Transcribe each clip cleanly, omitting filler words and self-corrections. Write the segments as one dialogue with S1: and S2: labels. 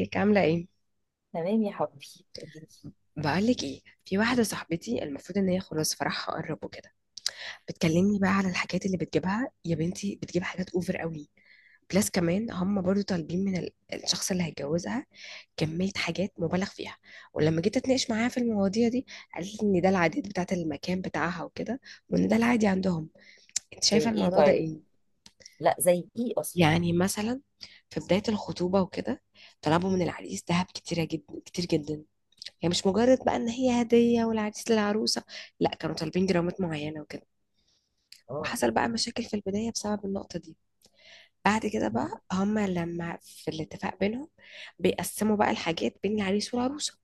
S1: ازيك عاملة ايه؟
S2: تمام يا حبيبي. قوليلي.
S1: بقولك ايه، في واحدة صاحبتي المفروض ان هي خلاص فرحها قرب وكده، بتكلمني بقى على الحاجات اللي بتجيبها. يا بنتي، بتجيب حاجات اوفر قوي، بلس كمان هم برضو طالبين من الشخص اللي هيتجوزها كمية حاجات مبالغ فيها. ولما جيت اتناقش معاها في المواضيع دي، قالت لي ان ده العادات بتاعة المكان بتاعها وكده، وان ده العادي عندهم. انت
S2: زي
S1: شايفة
S2: ايه
S1: الموضوع ده
S2: طيب؟
S1: ايه؟
S2: لا، زي ايه اصلا؟
S1: يعني مثلا في بداية الخطوبة وكده، طلبوا من العريس دهب كتيرة جدا، كتير جدا. يعني مش مجرد بقى ان هي هديه والعريس للعروسه، لا كانوا طالبين جرامات معينه وكده.
S2: اه.
S1: وحصل بقى مشاكل في البدايه بسبب النقطه دي. بعد كده بقى هما لما في الاتفاق بينهم بيقسموا بقى الحاجات بين العريس والعروسه.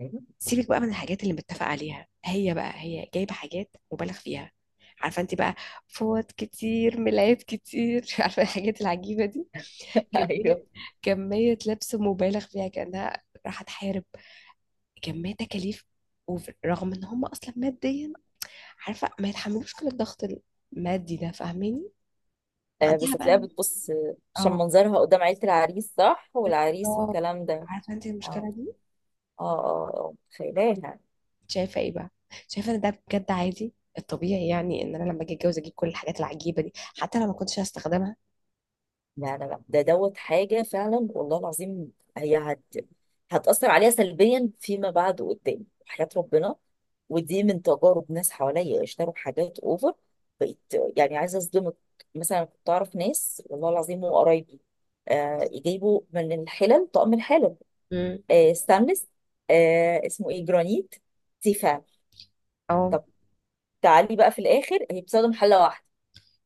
S2: أيوة.
S1: سيبك بقى من الحاجات اللي متفق عليها، هي بقى هي جايبه حاجات مبالغ فيها. عارفه انت بقى، فوط كتير، ملايات كتير، عارفه الحاجات العجيبه دي، كميه،
S2: ايوه،
S1: كميه لبس مبالغ فيها كانها راح تحارب، كمية تكاليف. ورغم ان هم اصلا ماديا، عارفه، ما يتحملوش كل الضغط المادي ده، فاهماني؟
S2: آه
S1: وعندها
S2: بس هتلاقيها
S1: بقى،
S2: بتبص عشان
S1: اه
S2: منظرها قدام عيلة العريس، صح،
S1: بس
S2: والعريس
S1: لو-
S2: والكلام ده.
S1: عارفه انت
S2: اه
S1: المشكله دي.
S2: متخيلاها.
S1: شايفه ايه بقى؟ شايفه ان ده بجد عادي الطبيعي؟ يعني ان انا لما اجي اتجوز اجيب كل الحاجات العجيبه دي حتى لو ما كنتش هستخدمها؟
S2: لا لا لا، ده دوت حاجة فعلا والله العظيم، هتأثر عليها سلبيا فيما بعد قدام وحياة ربنا. ودي من تجارب ناس حواليا اشتروا حاجات اوفر، بقيت يعني عايزة اصدمك. مثلا كنت اعرف ناس والله العظيم وقرايبي يجيبوا من الحلل طقم الحلل.
S1: امم
S2: ستانلس، اسمه ايه، جرانيت، تيفال.
S1: اه،
S2: طب، تعالي بقى في الاخر هي بتستخدم حلة واحدة،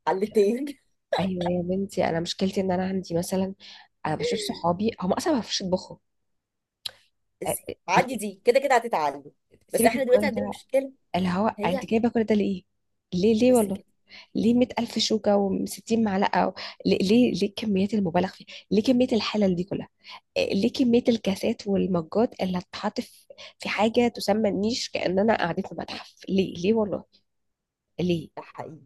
S2: حلتين.
S1: ايوه يا بنتي، انا مشكلتي ان انا عندي مثلا، انا بشوف صحابي هم اصلا ما بيعرفوش يطبخوا.
S2: عدي
S1: ليه؟
S2: دي كده كده هتتعلم. بس
S1: سيبك من
S2: احنا دلوقتي
S1: كل
S2: عندنا
S1: ده.
S2: مشكله،
S1: اللي هو انت
S2: هي،
S1: جايبه كل ده ليه؟ ليه ليه
S2: بس
S1: والله،
S2: كده.
S1: ليه 100,000 شوكة و60 معلقة ليه ليه ليه كميات المبالغ فيها؟ ليه كمية الحلل دي كلها؟ إيه، ليه كمية الكاسات والمجات اللي هتتحط في في حاجة تسمى النيش كأننا قاعدين في متحف؟ ليه ليه والله، ليه؟
S2: ده حقيقي.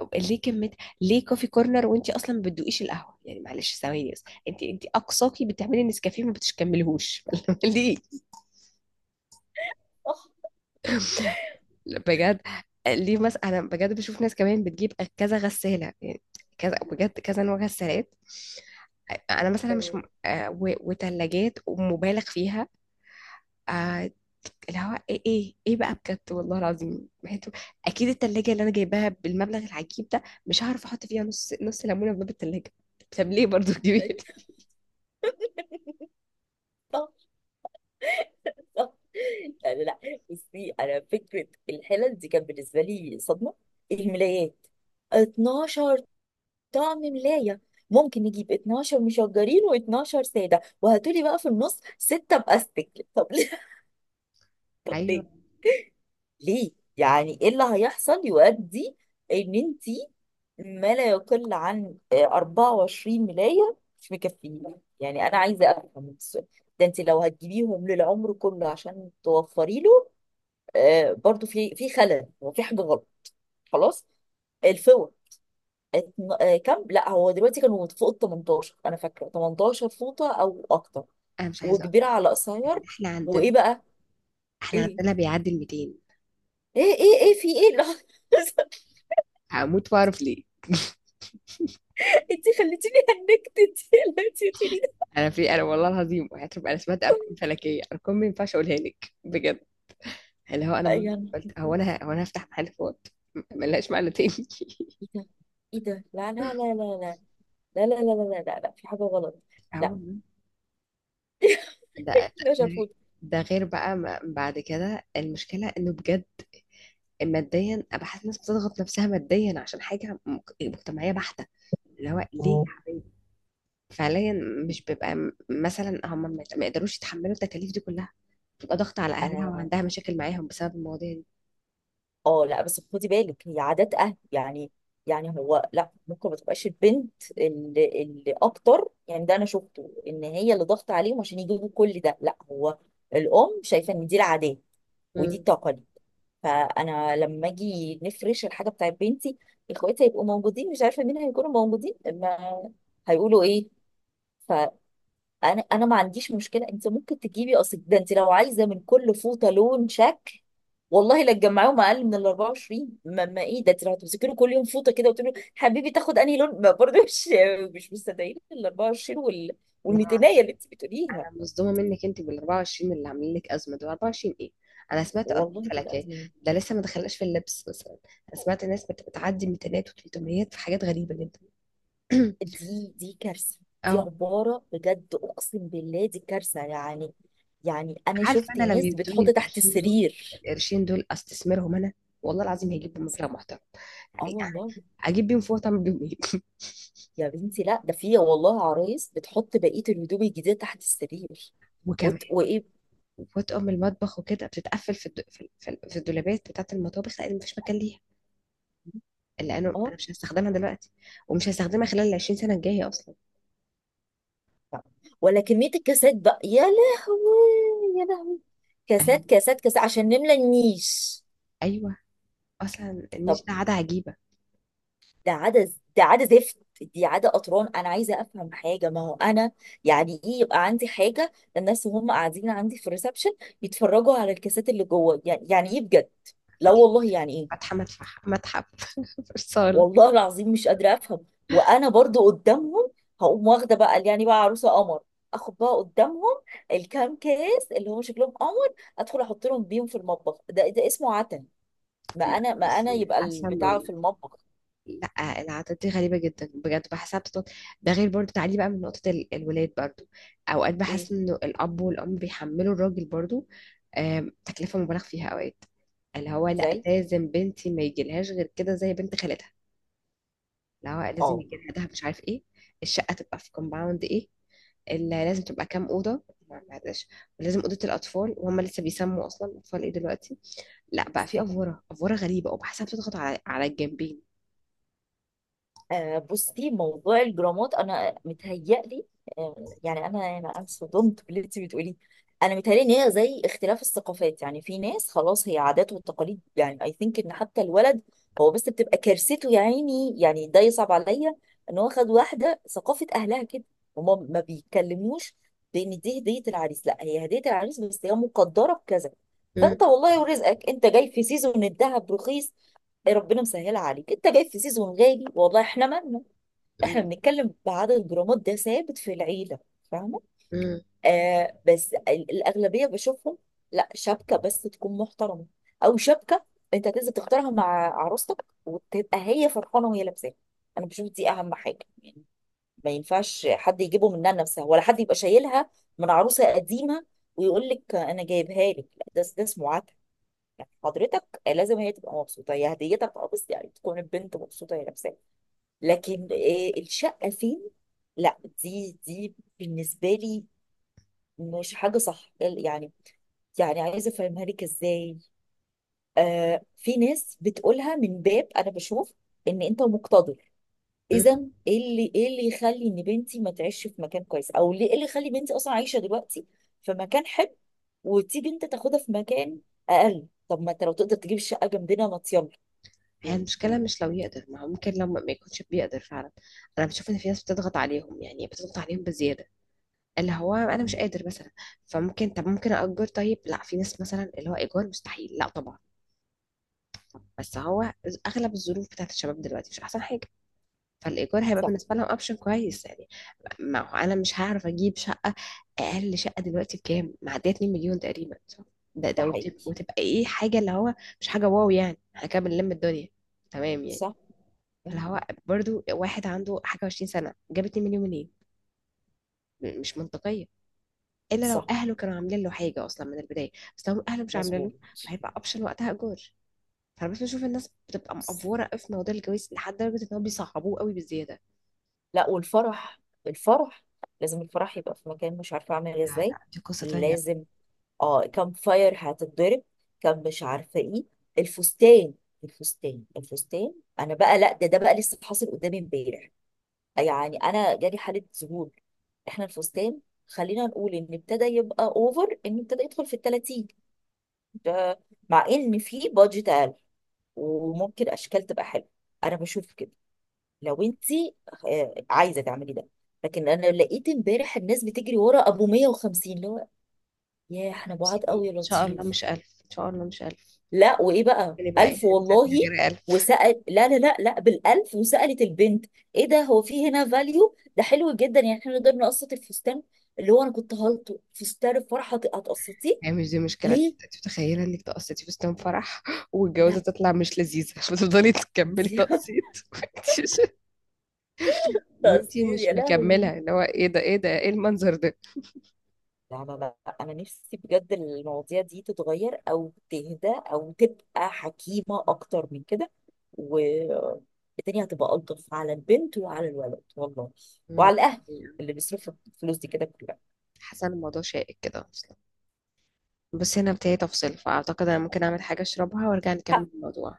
S1: أو ليه كمية، ليه كوفي كورنر وانت اصلا ما بتدوقيش القهوه؟ يعني معلش ثواني بس، انت انت اقصاكي بتعملي نسكافيه ما بتكمليهوش، ليه؟
S2: صح.
S1: بجد. ليه مثلا انا بجد بشوف ناس كمان بتجيب كذا غسالة؟ يعني كذا بجد، كذا نوع غسالات. انا مثلا مش
S2: أيوة.
S1: وتلاجات ومبالغ فيها. آه، اللي هو ايه ايه ايه بقى بجد والله العظيم، اكيد التلاجة اللي انا جايباها بالمبلغ العجيب ده مش هعرف احط فيها نص، نص ليمونة في باب التلاجة. طب ليه برضو كبير؟
S2: صح. صح، يعني لا، بصي، انا فكره الحلل دي كانت بالنسبه لي صدمه. الملايات، 12 طعم ملايه؟ ممكن نجيب 12 مشجرين و12 ساده وهاتولي بقى في النص سته باستك، طب ليه؟ طب
S1: ايوه،
S2: ليه؟ ليه؟ يعني ايه اللي هيحصل يؤدي ان انت ما لا يقل عن 24 ملاية مش مكفيين؟ يعني انا عايزة افهم السؤال ده. انت لو هتجيبيهم للعمر كله عشان توفري له، برضو في خلل، هو في حاجة غلط. خلاص. الفوط، كام؟ لا، هو دلوقتي كانوا فوق ال 18، انا فاكره 18 فوطه او اكتر،
S1: انا مش عايزه
S2: وكبيره
S1: اقول
S2: على قصير.
S1: ان احنا
S2: وايه
S1: عندنا،
S2: بقى؟
S1: احنا
S2: ايه
S1: عندنا بيعدي ال 200.
S2: ايه في ايه اللي حصل؟
S1: هموت واعرف ليه.
S2: انت خليتيني هنكت، انت خليتيني تقولي ده.
S1: انا في، انا والله العظيم، هتبقى انا سمعت ارقام فلكيه، ارقام ما ينفعش اقولها لك بجد. اللي هو انا
S2: يا
S1: مرة
S2: نهار
S1: قلت هو
S2: أبيض.
S1: انا، هو انا هفتح محل فوت، ملهاش معنى تاني.
S2: ايه ده؟ ايه ده؟ لا لا لا لا لا لا لا لا لا لا لا لا، في حاجة غلط.
S1: هو
S2: لا،
S1: ده،
S2: شافوت.
S1: ده غير بقى ما بعد كده المشكله انه بجد ماديا أنا بحس الناس بتضغط نفسها ماديا عشان حاجه مجتمعيه بحته. اللي هو ليه
S2: اه.
S1: يا حبيبي؟ فعليا مش بيبقى مثلا هم ما يقدروش يتحملوا التكاليف دي كلها، بتبقى ضغط على اهلها وعندها مشاكل معاهم بسبب المواضيع دي.
S2: لا بس خدي بالك، هي عادات اهل يعني. يعني هو لا، ممكن ما تبقاش البنت اللي اكتر، يعني ده انا شفته، ان هي اللي ضغط عليهم عشان يجيبوا كل ده. لا، هو الام شايفه ان دي العادات ودي
S1: امم
S2: التقاليد. فانا لما اجي نفرش الحاجه بتاعت بنتي، اخواتي هيبقوا موجودين، مش عارفه مين هيكونوا موجودين، ما هيقولوا ايه؟ فانا انا ما عنديش مشكله انت ممكن تجيبي، اصل ده انت لو عايزه من كل فوطه لون شكل والله، لا تجمعيهم اقل من ال 24. ما ايه ده؟ انت لو هتمسكي له كل يوم فوطه كده وتقولي له حبيبي تاخد انهي لون، ما برضه مش مستدعين ال 24 وال 200 اللي انت بتقوليها.
S1: انا مصدومه منك انت بال 24 اللي عاملين لك ازمه. دول 24 ايه؟ انا سمعت ارقام
S2: والله تبقى
S1: فلكيه.
S2: ازمه.
S1: ده لسه ما دخلناش في اللبس مثلا. انا سمعت ناس بتعدي 200 و300 في حاجات غريبه جدا.
S2: دي كارثة. دي
S1: اهو.
S2: عبارة بجد، أقسم بالله دي كارثة. يعني أنا
S1: عارفه
S2: شفت
S1: انا لو
S2: ناس
S1: يدوني
S2: بتحط تحت
S1: القرشين دول،
S2: السرير.
S1: القرشين دول استثمرهم انا، والله العظيم هيجيب مبلغ محترم.
S2: اه
S1: يعني
S2: والله.
S1: اجيب بيهم فوطه؟ اعمل بيهم ايه؟
S2: يا بنتي، لا، ده في والله عرايس بتحط بقية الهدوم الجديدة تحت السرير.
S1: وكمان
S2: وإيه.
S1: فوط ام المطبخ وكده بتتقفل في الد... في ال- في ال- في الدولابات بتاعت المطابخ لان مفيش مكان، لانه
S2: اه.
S1: انا مش هستخدمها دلوقتي، ومش هستخدمها خلال ال 20 سنه الجايه اصلا.
S2: لا. ولا كمية الكاسات بقى، يا لهوي يا لهوي، كاسات
S1: ايوه،
S2: كاسات كاسات عشان نملى النيش.
S1: ايوه، اصلا
S2: طب،
S1: النيش ده عاده عجيبه.
S2: ده عادة زفت، دي عادة قطران. انا عايزة افهم حاجة، ما هو انا يعني ايه يبقى عندي حاجة للناس وهم قاعدين عندي في الريسبشن يتفرجوا على الكاسات اللي جوه؟ يعني، يعني ايه بجد؟ لا
S1: فاتحه،
S2: والله يعني ايه.
S1: فاتحه، متفح متحف، في الصاله.
S2: والله العظيم مش قادرة افهم. وانا برضو قدامهم هقوم واخدة بقى، يعني بقى عروسة قمر، اخد بقى قدامهم الكام كاس اللي هم شكلهم قمر، ادخل احط لهم بيهم في المطبخ؟ ده اسمه عتن. ما انا
S1: بصي،
S2: يبقى
S1: حاسه انه
S2: البتاع في المطبخ.
S1: لا، العادات دي غريبه جدا بجد، بحسها بتطلع. ده غير برضو، تعالي بقى من نقطه الولاد برضو، اوقات
S2: ايه
S1: بحس انه الاب والام بيحملوا الراجل برضو تكلفه مبالغ فيها اوقات. اللي هو لا،
S2: زي.
S1: لازم بنتي ما يجيلهاش غير كده زي بنت خالتها. اللي هو لازم
S2: اه.
S1: يجهزها مش عارف ايه. الشقة تبقى في كومباوند ايه، اللي لازم تبقى كام أوضة. ما معلش. ولازم أوضة الأطفال وهم لسه بيسموا أصلا أطفال إيه دلوقتي؟ لا، بقى في أفورة، أفورة غريبة، وبحسها بتضغط على على الجنبين.
S2: بصي، موضوع الجرامات انا متهيألي، يعني انا صدمت باللي انت بتقوليه. انا متهيألي ان هي زي اختلاف الثقافات، يعني في ناس خلاص هي عادات وتقاليد، يعني اي ثينك ان حتى الولد هو، بس بتبقى كارثته يا عيني، يعني ده يصعب عليا ان هو خد واحده ثقافه اهلها كده، هما ما بيتكلموش بان دي هديه العريس، لا هي هديه العريس، بس هي مقدره بكذا.
S1: مم.
S2: فانت والله ورزقك، انت جاي في سيزون الذهب رخيص، إيه ربنا مسهلها عليك. انت جاي في سيزون غالي، والله احنا مالنا، احنا
S1: مم،
S2: بنتكلم بعدد جرامات ده ثابت في العيله، فاهمه؟
S1: مم،
S2: بس الاغلبيه بشوفهم، لا شبكه بس تكون محترمه، او شبكه انت هتنزل تختارها مع عروستك وتبقى هي فرحانه وهي لابساها، انا بشوف دي اهم حاجه يعني. ما ينفعش حد يجيبه منها لنفسها، ولا حد يبقى شايلها من عروسه قديمه ويقول لك انا جايبها لك، لا، ده اسمه عك. يعني حضرتك لازم هي تبقى مبسوطه، هي هديتك اه، بس يعني تكون البنت مبسوطه هي نفسها. لكن الشقه فين؟ لا، دي بالنسبه لي مش حاجه صح يعني. يعني عايزه افهمها لك ازاي؟ في ناس بتقولها من باب انا بشوف ان انت مقتدر، اذا.
S1: مم.
S2: ايه اللي يخلي ان بنتي ما تعيش في مكان كويس؟ او ليه، ايه اللي يخلي بنتي اصلا عايشه دلوقتي في مكان حلو، وتيجي انت تاخدها في مكان اقل؟ طب ما انت لو تقدر تجيب الشقه جنبنا، ما.
S1: هي
S2: مم. مم.
S1: المشكلة مش لو يقدر، ما هو ممكن لو ما يكونش بيقدر فعلا. أنا بشوف إن في ناس بتضغط عليهم، يعني بتضغط عليهم بزيادة. اللي هو أنا مش قادر مثلا، فممكن، طب ممكن أأجر. طيب لا، في ناس مثلا اللي هو إيجار مستحيل. لا طبعا، بس هو اغلب الظروف بتاعت الشباب دلوقتي مش احسن حاجه، فالايجار هيبقى
S2: صح.
S1: بالنسبه لهم اوبشن كويس يعني. ما هو انا مش هعرف اجيب شقه، اقل شقه دلوقتي بكام؟ معديه 2 مليون تقريبا، صح؟ ده،
S2: ده
S1: ده
S2: حقيقي.
S1: وتبقى ايه، حاجه اللي هو مش حاجه واو، يعني احنا كده بنلم الدنيا، تمام يعني.
S2: صح.
S1: فاللي
S2: مم.
S1: هو برضو، واحد عنده حاجه 20 سنه جاب 2 مليون منين؟ مش منطقيه الا لو
S2: صح.
S1: اهله كانوا عاملين له حاجه اصلا من البدايه، بس لو اهله مش عاملين
S2: مظبوط.
S1: له فهيبقى اوبشن وقتها ايجار. فانا بس بشوف الناس بتبقى مقفوره قوي في موضوع الجواز لحد درجه ان هم بيصعبوه قوي بزياده.
S2: لا، والفرح، الفرح، لازم الفرح يبقى في مكان، مش عارفه اعمل إيه
S1: لا
S2: ازاي.
S1: لا، دي قصة تانية.
S2: لازم. اه، كم فاير هتتضرب، كم مش عارفه ايه، الفستان، الفستان الفستان. انا بقى لا، ده بقى لسه حاصل قدامي امبارح، يعني انا جالي حاله ذهول. احنا الفستان، خلينا نقول ان ابتدى يبقى اوفر، ان ابتدى يدخل في ال 30 ده، مع ان في بادجت اقل وممكن اشكال تبقى حلوه، انا بشوف كده. لو انت عايزه تعملي ده. لكن انا لقيت امبارح الناس بتجري ورا ابو 150 اللي هو، يا احنا
S1: 50
S2: بعاد
S1: ايه
S2: قوي،
S1: ان
S2: يا
S1: شاء الله؟
S2: لطيف.
S1: مش ألف ان شاء الله، مش ألف.
S2: لا، وايه بقى،
S1: يعني بقى اي
S2: الف
S1: حاجه
S2: والله.
S1: تانية غير ألف؟
S2: وسأل، لا لا لا لا، بالالف، وسألت البنت، ايه ده؟ هو في هنا فاليو ده حلو جدا، يعني احنا نقدر نقسط الفستان، اللي هو، انا كنت هلطه، فستان الفرحه هتقسطيه؟
S1: يعني مش دي مشكله
S2: ليه؟
S1: انت؟ متخيله انك تقسطي فستان فرح،
S2: لا
S1: والجوازه تطلع مش لذيذه، فتفضلي تكملي
S2: دي.
S1: تقسيط، وانتي مش، وإنتي
S2: هتقسطيه
S1: مش
S2: يا لهوي.
S1: مكمله، اللي هو ايه ده، ايه ده، ايه المنظر ده؟
S2: لا لا. لا، انا نفسي بجد المواضيع دي تتغير، او تهدى، او تبقى حكيمة اكتر من كده، والدنيا هتبقى الطف على البنت وعلى الولد، والله،
S1: مم.
S2: وعلى الاهل اللي بيصرفوا الفلوس دي كده كلها.
S1: حاسه ان الموضوع شائك كده اصلا، بس هنا بتاعي تفصل، فاعتقد انا ممكن اعمل حاجه اشربها وارجع نكمل الموضوع.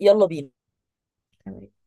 S2: يلا بينا.
S1: تمام.